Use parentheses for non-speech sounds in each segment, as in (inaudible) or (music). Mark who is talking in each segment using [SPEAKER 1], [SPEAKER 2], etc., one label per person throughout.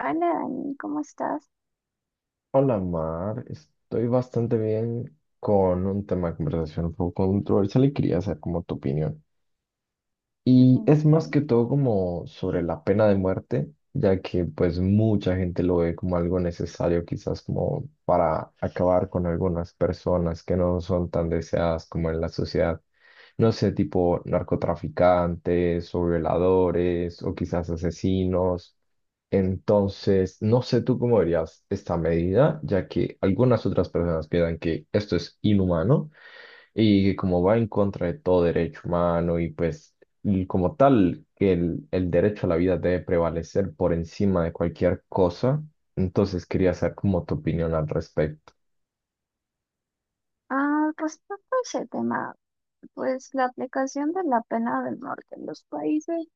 [SPEAKER 1] Hola Dani, ¿cómo estás?
[SPEAKER 2] Hola Mar, estoy bastante bien con un tema de conversación un poco controversial y quería saber como tu opinión. Y
[SPEAKER 1] Bien,
[SPEAKER 2] es
[SPEAKER 1] estoy
[SPEAKER 2] más que
[SPEAKER 1] bien.
[SPEAKER 2] todo como sobre la pena de muerte, ya que pues mucha gente lo ve como algo necesario quizás como para acabar con algunas personas que no son tan deseadas como en la sociedad. No sé, tipo narcotraficantes o violadores o quizás asesinos. Entonces, no sé tú cómo verías esta medida, ya que algunas otras personas piensan que esto es inhumano y que como va en contra de todo derecho humano y pues y como tal, que el derecho a la vida debe prevalecer por encima de cualquier cosa. Entonces quería saber como tu opinión al respecto.
[SPEAKER 1] Ah, respecto a ese tema, pues la aplicación de la pena del norte en los países,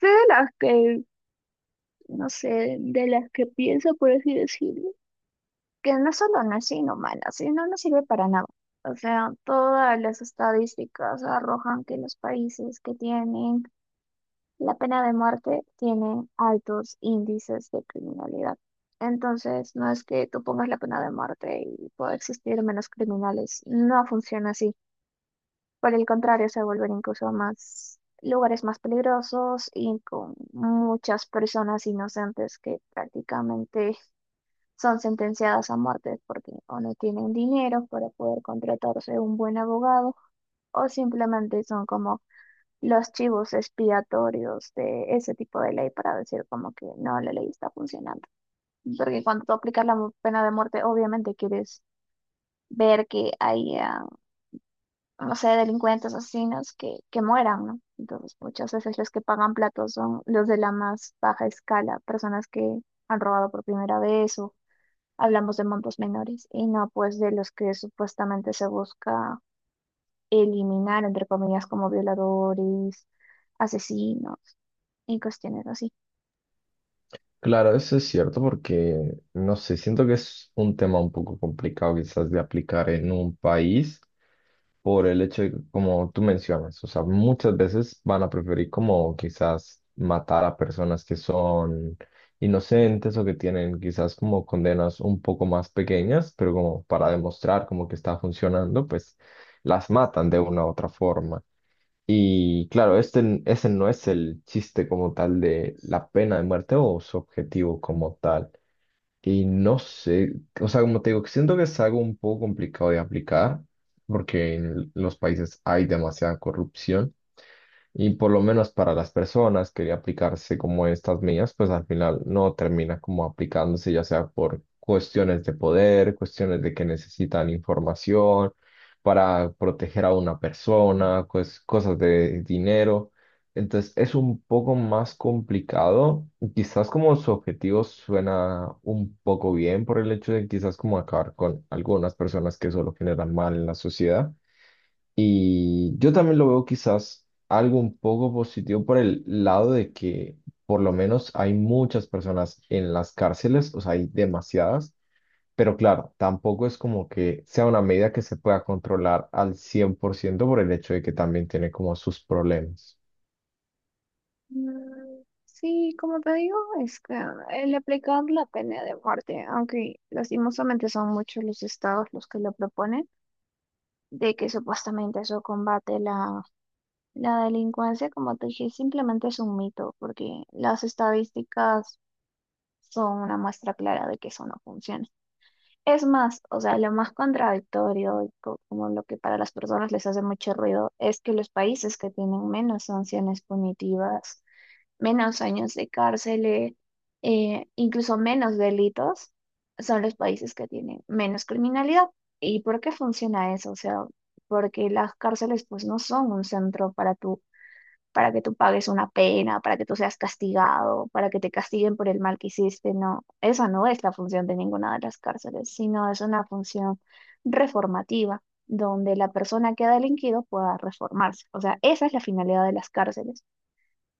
[SPEAKER 1] sé de las que, no sé, de las que pienso, por así decirlo, que no solo no es inhumana, sino no sirve para nada. O sea, todas las estadísticas arrojan que los países que tienen la pena de muerte tiene altos índices de criminalidad. Entonces, no es que tú pongas la pena de muerte y pueda existir menos criminales. No funciona así. Por el contrario, se vuelven incluso más lugares más peligrosos y con muchas personas inocentes que prácticamente son sentenciadas a muerte porque o no tienen dinero para poder contratarse un buen abogado o simplemente son como los chivos expiatorios de ese tipo de ley para decir como que no, la ley está funcionando. Porque cuando tú aplicas la pena de muerte, obviamente quieres ver que haya, no sé, delincuentes, asesinos que mueran, ¿no? Entonces, muchas veces los que pagan platos son los de la más baja escala, personas que han robado por primera vez o hablamos de montos menores y no pues de los que supuestamente se busca eliminar, entre comillas, como violadores, asesinos y cuestiones así.
[SPEAKER 2] Claro, eso es cierto porque, no sé, siento que es un tema un poco complicado quizás de aplicar en un país, por el hecho de, como tú mencionas, o sea, muchas veces van a preferir como quizás matar a personas que son inocentes o que tienen quizás como condenas un poco más pequeñas, pero como para demostrar como que está funcionando, pues las matan de una u otra forma. Y claro, este, ese no es el chiste como tal de la pena de muerte o su objetivo como tal. Y no sé, o sea, como te digo, siento que es algo un poco complicado de aplicar, porque en los países hay demasiada corrupción. Y por lo menos para las personas que aplicarse como estas mías, pues al final no termina como aplicándose, ya sea por cuestiones de poder, cuestiones de que necesitan información para proteger a una persona, pues cosas de dinero. Entonces es un poco más complicado, y quizás como su objetivo suena un poco bien por el hecho de quizás como acabar con algunas personas que solo generan mal en la sociedad. Y yo también lo veo quizás algo un poco positivo por el lado de que por lo menos hay muchas personas en las cárceles, o sea, hay demasiadas, pero claro, tampoco es como que sea una medida que se pueda controlar al 100% por ciento por el hecho de que también tiene como sus problemas.
[SPEAKER 1] Mm, Sí, como te digo, es que el aplicar la pena de muerte, aunque lastimosamente son muchos los estados los que lo proponen, de que supuestamente eso combate la delincuencia, como te dije, simplemente es un mito, porque las estadísticas son una muestra clara de que eso no funciona. Es más, o sea, lo más contradictorio, y como lo que para las personas les hace mucho ruido, es que los países que tienen menos sanciones punitivas, menos años de cárcel, incluso menos delitos, son los países que tienen menos criminalidad. ¿Y por qué funciona eso? O sea, porque las cárceles pues no son un centro para tú, para que tú pagues una pena, para que tú seas castigado, para que te castiguen por el mal que hiciste, no. Esa no es la función de ninguna de las cárceles, sino es una función reformativa, donde la persona que ha delinquido pueda reformarse. O sea, esa es la finalidad de las cárceles.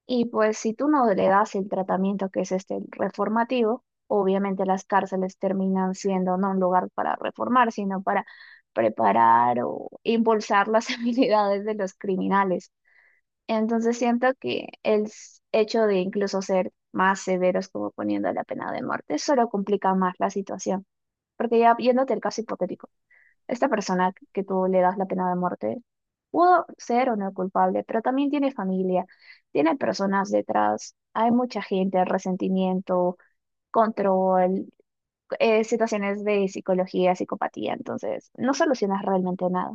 [SPEAKER 1] Y pues si tú no le das el tratamiento que es este el reformativo, obviamente las cárceles terminan siendo no un lugar para reformar, sino para preparar o impulsar las (laughs) habilidades de los criminales. Entonces siento que el hecho de incluso ser más severos como poniendo la pena de muerte solo complica más la situación, porque ya yéndote al caso hipotético. Esta persona que tú le das la pena de muerte pudo ser o no culpable, pero también tiene familia, tiene personas detrás, hay mucha gente, resentimiento, control, situaciones de psicología, psicopatía, entonces no solucionas realmente nada.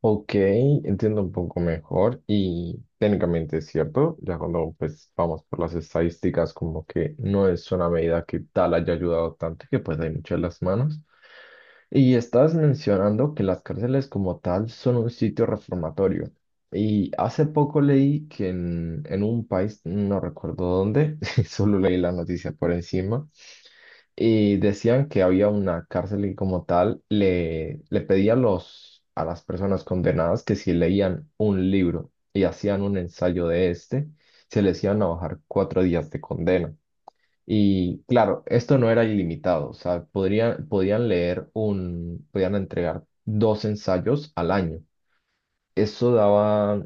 [SPEAKER 2] Ok, entiendo un poco mejor y técnicamente es cierto, ya cuando pues vamos por las estadísticas como que no es una medida que tal haya ayudado tanto y que pues hay muchas las manos. Y estabas mencionando que las cárceles como tal son un sitio reformatorio. Y hace poco leí que en un país, no recuerdo dónde, (laughs) solo leí la noticia por encima, y decían que había una cárcel y como tal le pedía a los, a las personas condenadas que si leían un libro y hacían un ensayo de este, se les iban a bajar 4 días de condena. Y claro, esto no era ilimitado, o sea, podían leer podían entregar 2 ensayos al año. Eso daba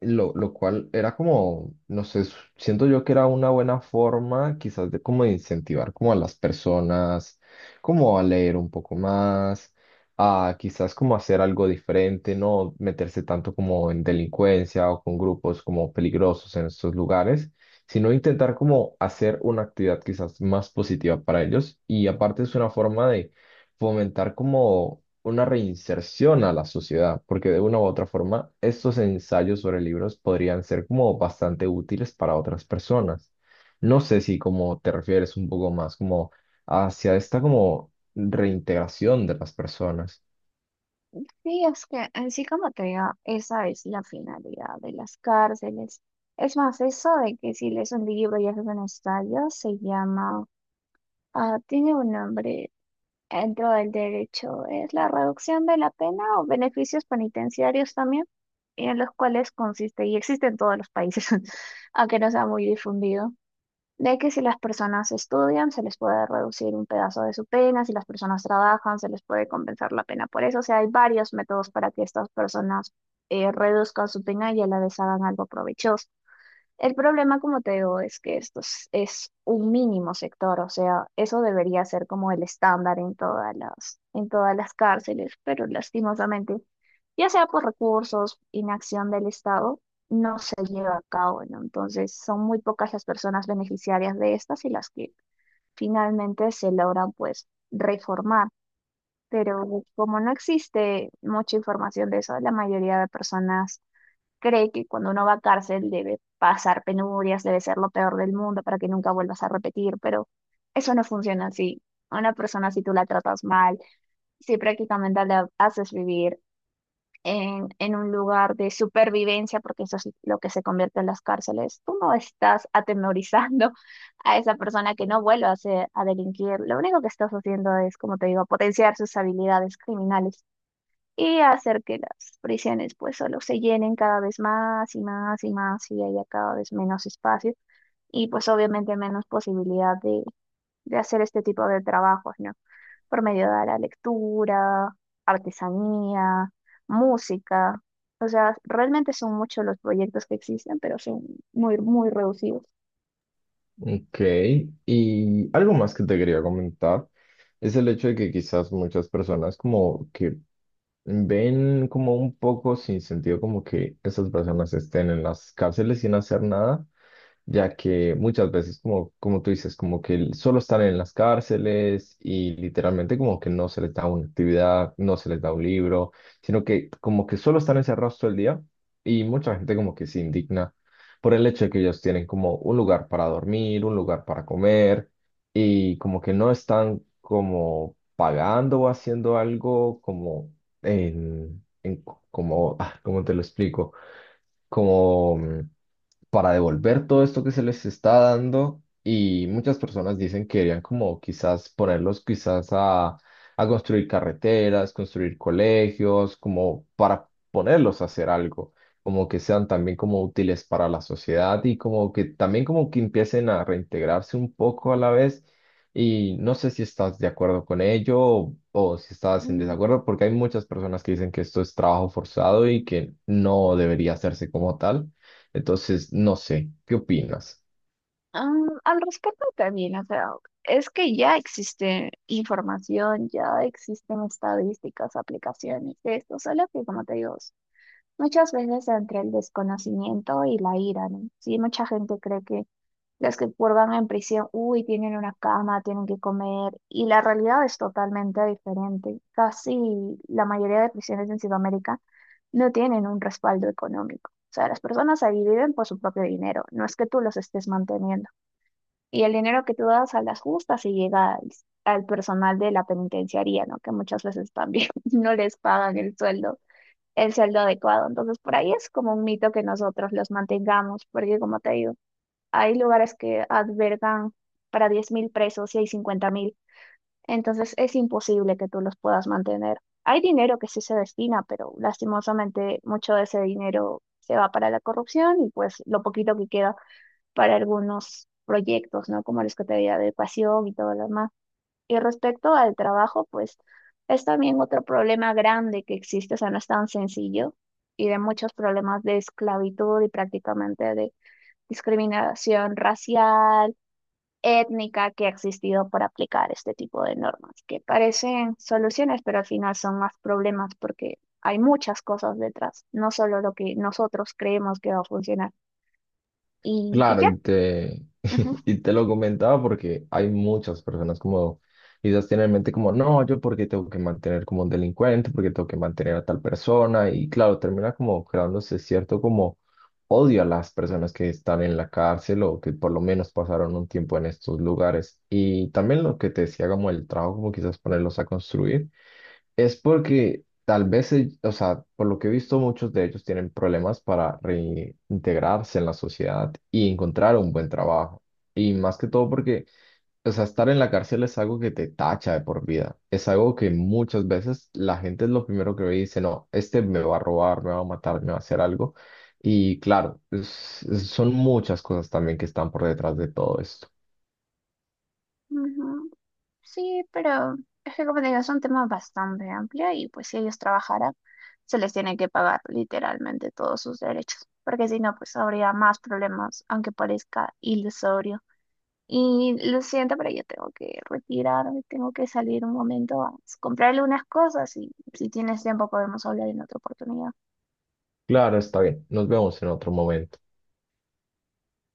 [SPEAKER 2] lo cual era como, no sé, siento yo que era una buena forma quizás de como de incentivar como a las personas, como a leer un poco más, a quizás como hacer algo diferente, no meterse tanto como en delincuencia o con grupos como peligrosos en estos lugares, sino intentar como hacer una actividad quizás más positiva para ellos. Y aparte es una forma de fomentar como una reinserción a la sociedad, porque de una u otra forma estos ensayos sobre libros podrían ser como bastante útiles para otras personas. No sé si como te refieres un poco más como hacia esta como reintegración de las personas.
[SPEAKER 1] Sí, es que así como te digo, esa es la finalidad de las cárceles. Es más, eso de que si lees un libro y haces un ensayo, se llama, ah, tiene un nombre. Dentro del derecho es la reducción de la pena o beneficios penitenciarios también, y en los cuales consiste y existe en todos los países, (laughs) aunque no sea muy difundido, de que si las personas estudian se les puede reducir un pedazo de su pena, si las personas trabajan se les puede compensar la pena por eso. O sea, hay varios métodos para que estas personas reduzcan su pena y a la vez hagan algo provechoso. El problema, como te digo, es que es un mínimo sector. O sea, eso debería ser como el estándar en todas en todas las cárceles, pero lastimosamente, ya sea por recursos, inacción del Estado, no se lleva a cabo, ¿no? Entonces, son muy pocas las personas beneficiarias de estas y las que finalmente se logran, pues, reformar. Pero como no existe mucha información de eso, la mayoría de personas cree que cuando uno va a cárcel debe pasar penurias, debe ser lo peor del mundo para que nunca vuelvas a repetir, pero eso no funciona así. A una persona, si tú la tratas mal, si prácticamente la haces vivir en un lugar de supervivencia, porque eso es lo que se convierte en las cárceles, tú no estás atemorizando (laughs) a esa persona que no vuelva a, a delinquir. Lo único que estás haciendo es, como te digo, potenciar sus habilidades criminales y hacer que las prisiones pues solo se llenen cada vez más y más y más y haya cada vez menos espacio y pues obviamente menos posibilidad de hacer este tipo de trabajos, ¿no? Por medio de la lectura, artesanía, música. O sea, realmente son muchos los proyectos que existen, pero son muy, muy reducidos.
[SPEAKER 2] Ok, y algo más que te quería comentar es el hecho de que quizás muchas personas como que ven como un poco sin sentido como que esas personas estén en las cárceles sin hacer nada, ya que muchas veces, como, como tú dices, como que solo están en las cárceles y literalmente como que no se les da una actividad, no se les da un libro, sino que como que solo están encerrados todo el día y mucha gente como que se indigna por el hecho de que ellos tienen como un lugar para dormir, un lugar para comer y como que no están como pagando o haciendo algo como en como, ah, ¿cómo te lo explico? Como para devolver todo esto que se les está dando y muchas personas dicen que querían como quizás ponerlos quizás a construir carreteras, construir colegios, como para ponerlos a hacer algo, como que sean también como útiles para la sociedad y como que también como que empiecen a reintegrarse un poco a la vez y no sé si estás de acuerdo con ello o si estás en desacuerdo, porque hay muchas personas que dicen que esto es trabajo forzado y que no debería hacerse como tal. Entonces, no sé, ¿qué opinas?
[SPEAKER 1] Al respecto también, o sea, es que ya existe información, ya existen estadísticas, aplicaciones de esto, solo que como te digo, muchas veces entre el desconocimiento y la ira, ¿no? Sí, mucha gente cree que los que purgan en prisión, uy, tienen una cama, tienen que comer, y la realidad es totalmente diferente. Casi la mayoría de prisiones en Sudamérica no tienen un respaldo económico. O sea, las personas ahí viven por su propio dinero, no es que tú los estés manteniendo. Y el dinero que tú das a las justas se llega al personal de la penitenciaría, ¿no? Que muchas veces también (laughs) no les pagan el sueldo adecuado. Entonces, por ahí es como un mito que nosotros los mantengamos, porque como te digo, hay lugares que albergan para 10,000 presos y hay 50,000. Entonces, es imposible que tú los puedas mantener. Hay dinero que sí se destina, pero lastimosamente mucho de ese dinero se va para la corrupción y pues lo poquito que queda para algunos proyectos, ¿no? Como los que te había de educación y todo lo demás. Y respecto al trabajo, pues es también otro problema grande que existe. O sea, no es tan sencillo y de muchos problemas de esclavitud y prácticamente de discriminación racial, étnica que ha existido por aplicar este tipo de normas, que parecen soluciones, pero al final son más problemas porque hay muchas cosas detrás, no solo lo que nosotros creemos que va a funcionar. Y
[SPEAKER 2] Claro,
[SPEAKER 1] ya. Ujú,
[SPEAKER 2] (laughs) y te lo comentaba porque hay muchas personas como quizás tienen en mente como, no, yo porque tengo que mantener como un delincuente, porque tengo que mantener a tal persona, y claro, termina como creándose cierto como odio a las personas que están en la cárcel o que por lo menos pasaron un tiempo en estos lugares. Y también lo que te decía como el trabajo, como quizás ponerlos a construir. Es porque tal vez, o sea, por lo que he visto, muchos de ellos tienen problemas para reintegrarse en la sociedad y encontrar un buen trabajo. Y más que todo porque, o sea, estar en la cárcel es algo que te tacha de por vida. Es algo que muchas veces la gente es lo primero que ve y dice, no, este me va a robar, me va a matar, me va a hacer algo. Y claro, son muchas cosas también que están por detrás de todo esto.
[SPEAKER 1] ujú. Sí, pero es que como te digo, es un tema bastante amplio y pues si ellos trabajaran, se les tiene que pagar literalmente todos sus derechos, porque si no, pues habría más problemas, aunque parezca ilusorio. Y lo siento, pero yo tengo que retirarme, tengo que salir un momento a comprarle unas cosas y si tienes tiempo podemos hablar en otra oportunidad.
[SPEAKER 2] Claro, está bien. Nos vemos en otro momento.